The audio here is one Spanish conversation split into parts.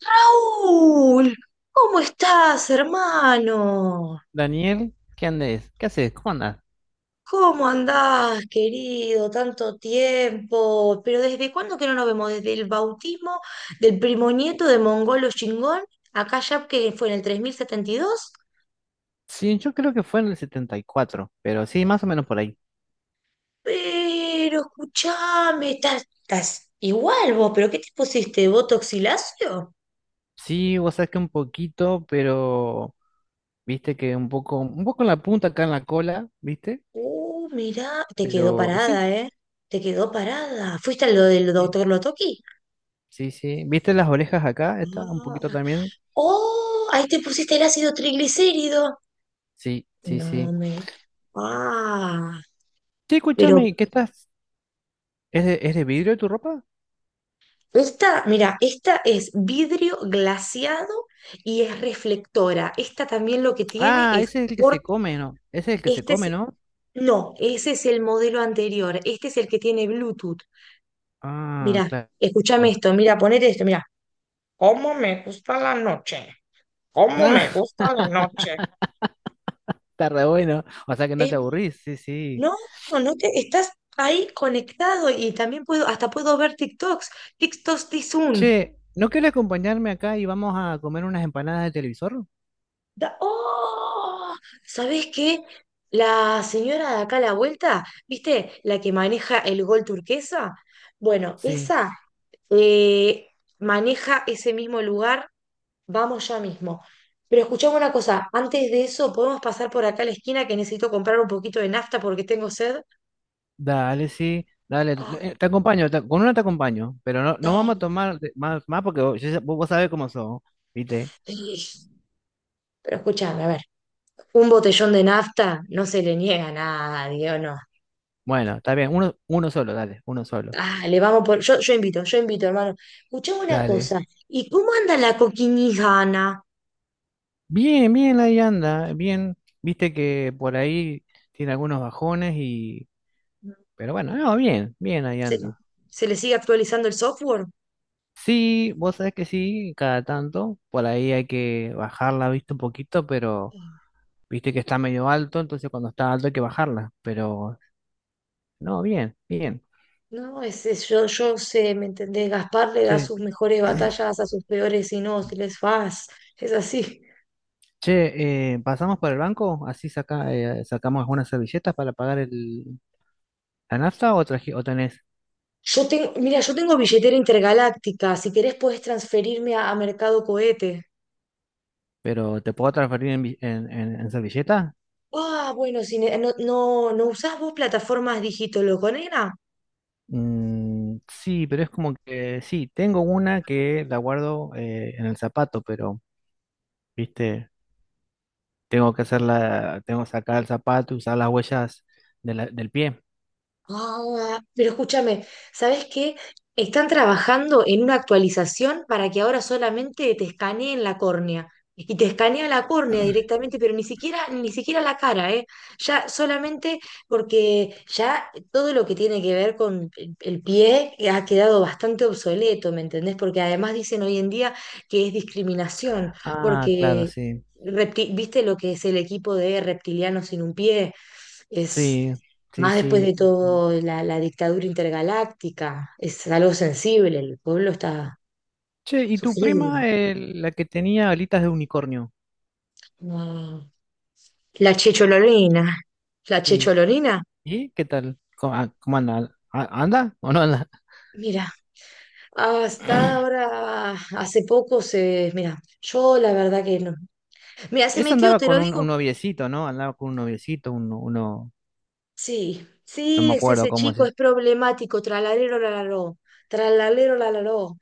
Raúl, ¿cómo estás, hermano? Daniel, ¿qué andes? ¿Qué haces? ¿Cómo andas? ¿Cómo andás, querido? Tanto tiempo. Pero ¿desde cuándo que no nos vemos? Desde el bautismo del primo nieto de Mongolo Chingón, acá ya que fue en el 3072. Sí, yo creo que fue en el 74, pero sí, más o menos por ahí. Pero escuchame, estás igual vos, pero ¿qué te pusiste? ¿Botox y lacio? Sí, vos sabés que un poquito, pero viste que un poco en la punta acá en la cola, ¿viste? Mirá, te quedó Pero sí, parada, ¿eh? Te quedó parada. ¿Fuiste a lo del sí, doctor Lotoki? Sí. ¿Viste las orejas acá? Está un poquito también. Oh, ahí te pusiste el ácido triglicérido. Sí, sí, No sí. me. Ah, Sí, pero escúchame, ¿qué estás? ¿Es de vidrio tu ropa? esta, mira, esta es vidrio glaseado y es reflectora. Esta también lo que tiene Ah, es ese es el que se por come, ¿no? Ese es el que se este es come, ¿no? no, ese es el modelo anterior. Este es el que tiene Bluetooth. Ah, Mira, claro. escúchame esto, mira, ponete esto, mira. ¿Cómo está? ¿Cómo Ah, está la noche? está re bueno. O sea que no Es- te aburrís, sí, sí. no, no, no te estás ahí conectado y también puedo hasta puedo ver TikToks. TikToks de Zoom. Che, ¿no quieres acompañarme acá y vamos a comer unas empanadas de televisor? ¡Oh! ¿Sabés qué? La señora de acá a la vuelta, ¿viste? La que maneja el gol turquesa. Bueno, Sí, esa eh, maneja ese mismo lugar. Vamos ya mismo. Pero escuchame una cosa, antes de eso, ¿podemos pasar por acá a la esquina que necesito comprar un poquito de nafta porque tengo sed? dale, sí, dale. Ah, Te acompaño, con una te acompaño, pero no, no vamos a dale. tomar más, porque vos, vos sabés cómo son, ¿viste? Pero escuchame, a ver, un botellón de nafta no se le niega a nadie, ¿o no? Bueno, está bien, uno solo, dale, uno solo, Ah, le vamos por. Yo invito, yo invito, hermano. Escuchame una dale. cosa. ¿Y cómo anda la coquinijana? Bien, bien, ahí anda, bien. Viste que por ahí tiene algunos bajones y... Pero bueno, no, bien, bien, ahí ¿Se, anda. se le sigue actualizando el software? Sí, vos sabés que sí, cada tanto, por ahí hay que bajarla, viste, un poquito, pero... Viste que está medio alto, entonces cuando está alto hay que bajarla. Pero no, bien, bien. No, ese, yo sé, ¿me entendés? Gaspar le da Che, sus mejores batallas a sus peores inútiles. Faz. Es así. Che, ¿pasamos por el banco? Así saca, sacamos algunas servilletas para pagar la nafta o, o tenés. Yo tengo, mira, yo tengo billetera intergaláctica. Si querés podés transferirme a Mercado Cohete. Pero ¿te puedo transferir en, vi- en servilleta? Ah, bueno, no, no, no usás vos plataformas digitologónicas. Mm, sí, pero es como que sí, tengo una que la guardo en el zapato, pero viste, tengo que hacerla, tengo que sacar el zapato y usar las huellas del pie. Ah, pero escúchame, ¿sabes qué? Están trabajando en una actualización para que ahora solamente te escaneen la córnea. Y te escanea la córnea directamente, pero ni siquiera, ni siquiera la cara, ¿eh? Ya solamente porque ya todo lo que tiene que ver con el pie ha quedado bastante obsoleto, ¿me entendés? Porque además dicen hoy en día que es discriminación, Ah, claro, porque sí. Viste lo que es el equipo de reptilianos sin un pie. Es Sí, sí, más, después de sí. todo la dictadura intergaláctica, es algo sensible, el pueblo está Che, ¿y tu prima, sufrido. La que tenía alitas de unicornio? Ah, La chechololina, la Sí. chechololina, ¿Y qué tal? ¿Cómo anda? ¿Anda o no anda? mira, hasta ahora, mira, yo la verdad que no. Mira, se Esa metió, andaba te lo con un digo. noviecito, ¿no? Andaba con un noviecito, uno, Sí, no sí, me es acuerdo ese cómo chico, se... es problemático, tralalero, lalaró, tralalero, lalaró.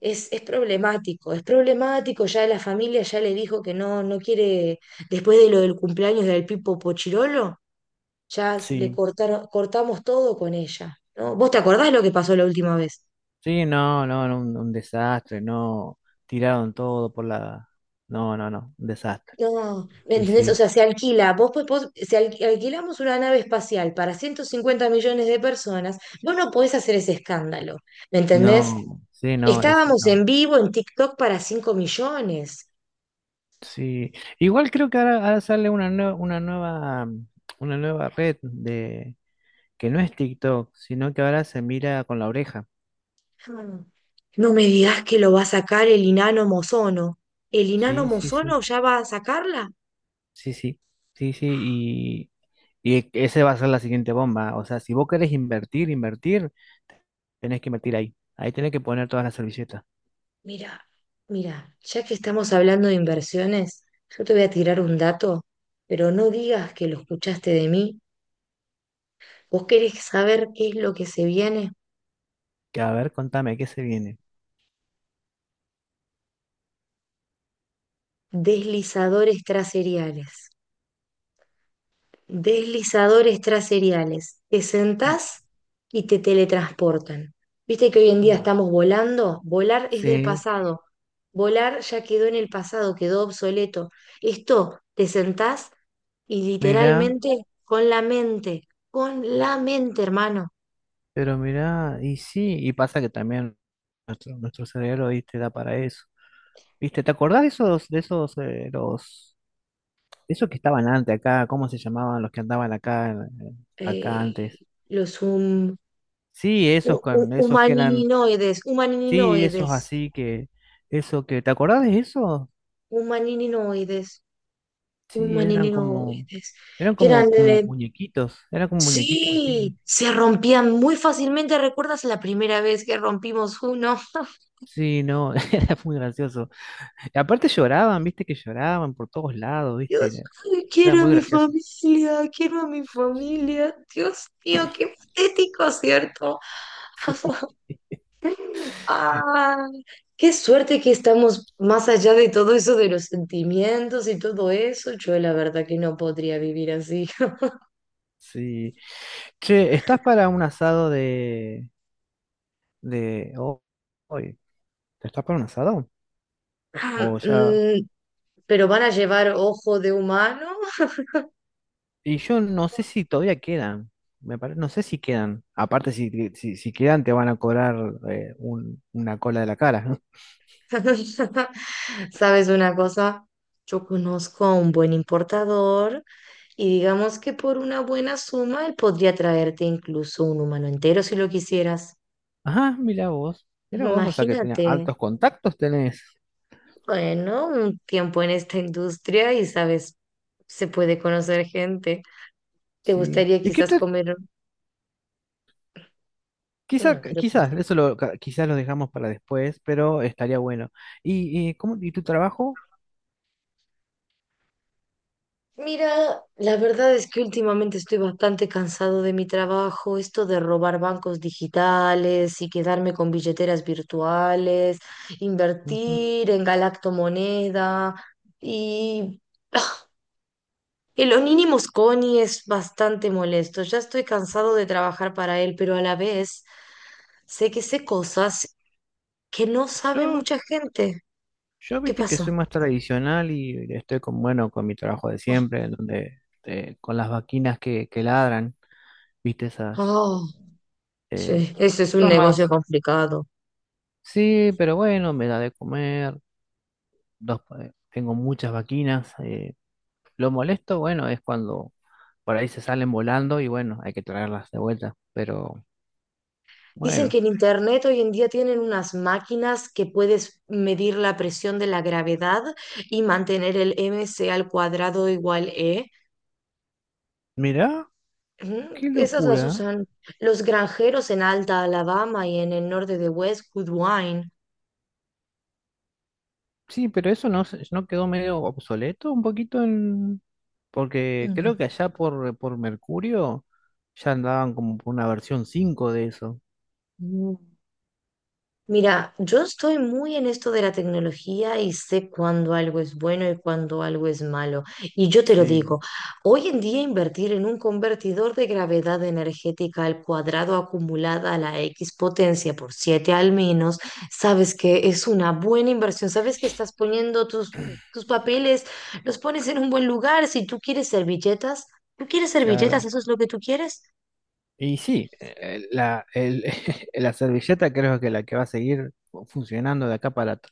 Es problemático, es problemático, ya la familia ya le dijo que no, no quiere, después de lo del cumpleaños del Pipo Pochirolo, le Sí, cortaron, cortamos todo con ella, ¿no? ¿Vos te acordás lo que pasó la última vez? sí, no, no, no, un desastre, no, tiraron todo por la... No, no, no, un desastre. No, ¿me Sí, entendés? O sí, sea, se alquila, vos, po- vos- si al- alquilamos una nave espacial para 150 millones de personas, vos no podés hacer ese escándalo, ¿me entendés? no, sí, no, ese, Estábamos no. en vivo en TikTok para 5 millones. Sí, igual creo que ahora, ahora sale una nueva, mm, una nueva red de. Que no es TikTok, sino que ahora se mira con la oreja. Ah. No me digas que lo va a sacar el inano mozono. ¿El inano Sí, sí, sí, mozono ya va a sacarla? sí, sí, sí, sí, y ese va a ser la siguiente bomba. O sea, si vos querés invertir, tenés que invertir ahí. Ahí tenés que poner todas las servilletas. Mira, mira, ya que estamos hablando de inversiones, yo te voy a tirar un dato, pero no digas que lo escuchaste de mí. ¿Vos querés saber qué es lo que se viene? Que a ver, contame, ¿qué se viene? Deslizadores traseriales. Te Mm, sentás y te teletransportan. Viste que hoy en día mm. estamos volando. Volar es del Sí, pasado. Volar ya quedó en el pasado, quedó obsoleto. Esto, te sentás y mira, literalmente con la mente, hermano. pero mira, y sí, y pasa que también nuestro cerebro, viste, da para eso. ¿Viste? ¿Te acordás de esos, los esos que estaban antes acá, ¿cómo se llamaban los que andaban acá, acá Eh, antes? los hum- Sí, hu- esos hu- con esos que eran, humaninoides, sí, esos humaninoides, así que, eso que, ¿te acordás de eso? humaninoides, Sí, humaninoides, eran que eran como, como eh, muñequitos, eran como muñequitos así. Sí, se rompían muy fácilmente. ¿Recuerdas la primera vez que rompimos uno? Sí, no, era muy gracioso. Y aparte lloraban, viste que lloraban por todos lados, viste, Dios, era, ay, era quiero a muy mi gracioso. familia, quiero a mi familia. Dios mío, qué patético, ¿cierto? Sí, Ay, qué suerte que estamos más allá de todo eso de los sentimientos y todo eso. Yo la verdad que no podría vivir así. sí. Che, ¿estás para un asado de hoy? ¿Estás para un asado? ¿O ya? Mm, pero van a llevar ojo de humano. Y yo no sé si todavía quedan. No sé si quedan. Aparte, si, si, si quedan, te van a cobrar una cola de la cara. ¿Sabes una cosa? Yo conozco a un buen importador y digamos que por una buena suma él podría traerte incluso un humano entero si lo quisieras. Ajá, mira vos. Mira vos, o sea que tenés Imagínate, altos contactos, tenés. bueno, un tiempo en esta industria y sabes, se puede conocer gente. ¿Te Sí. gustaría quizás comer? Quizá, No quiero. quizás, quizás lo dejamos para después, pero estaría bueno. ¿Y cómo, y tu trabajo? Mira, la verdad es que últimamente estoy bastante cansado de mi trabajo, esto de robar bancos digitales y quedarme con billeteras virtuales, Ujú. invertir en galactomoneda y ah, el los mínimos Connie es bastante molesto. Ya estoy cansado de trabajar para él, pero a la vez sé que sé cosas que no sabe Yo, mucha gente. yo ¿Qué viste que pasa? soy más tradicional y estoy con, bueno, con mi trabajo de siempre, en donde con las vaquinas que ladran, viste esas Oh, Eh, sí, ese es un son negocio más, complicado. sí, pero bueno, me da de comer. Dos, tengo muchas vaquinas. Lo molesto, bueno, es cuando por ahí se salen volando y bueno, hay que traerlas de vuelta. Pero Dicen que bueno, en internet hoy en día tienen unas máquinas que puedes medir la presión de la gravedad y mantener el m c al cuadrado igual E. mirá, Ujú, qué esas las locura. usan los granjeros en Alta Alabama y en el norte de West Goodwine. Sí, pero eso no, no quedó medio obsoleto un poquito en... Porque creo que allá por Mercurio ya andaban como por una versión 5 de eso. Mm. Mira, yo estoy muy en esto de la tecnología y sé cuándo algo es bueno y cuándo algo es malo. Y yo te lo digo, Sí, hoy en día invertir en un convertidor de gravedad energética al cuadrado acumulada a la X potencia por 7 al menos, sabes que es una buena inversión, sabes que estás poniendo tus, papeles, los pones en un buen lugar. Si tú quieres servilletas, ¿tú quieres servilletas? claro. ¿Eso es lo que tú quieres? Y sí, la, la servilleta creo que la que va a seguir funcionando de acá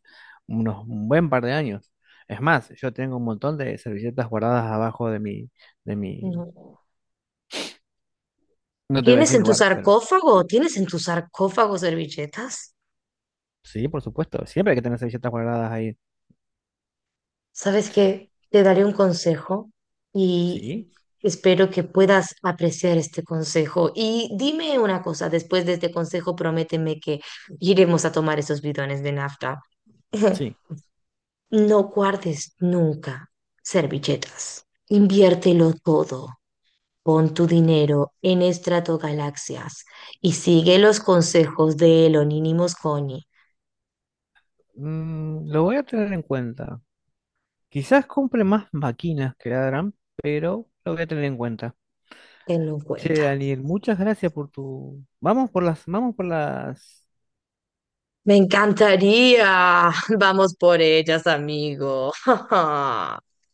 unos un buen par de años. Es más, yo tengo un montón de servilletas guardadas abajo de mi, No. no te voy a ¿Tienes decir en tu lugar, pero sarcófago? ¿Tienes en tu sarcófago servilletas? sí, por supuesto, siempre hay que tener servilletas guardadas ahí. Sabes que te daré un consejo y Sí, espero que puedas apreciar este consejo. Y dime una cosa, después de este consejo, prométeme que iremos a tomar esos bidones de nafta. sí. No guardes nunca servilletas. Inviértelo todo. Pon tu dinero en Estratogalaxias y sigue los consejos de Elonímos Coni. Mm, lo voy a tener en cuenta. Quizás compre más máquinas que ladran, pero lo voy a tener en cuenta. Tenlo en Che, cuenta. Daniel, muchas gracias por tu... vamos por las Me encantaría. Vamos por ellas, amigo.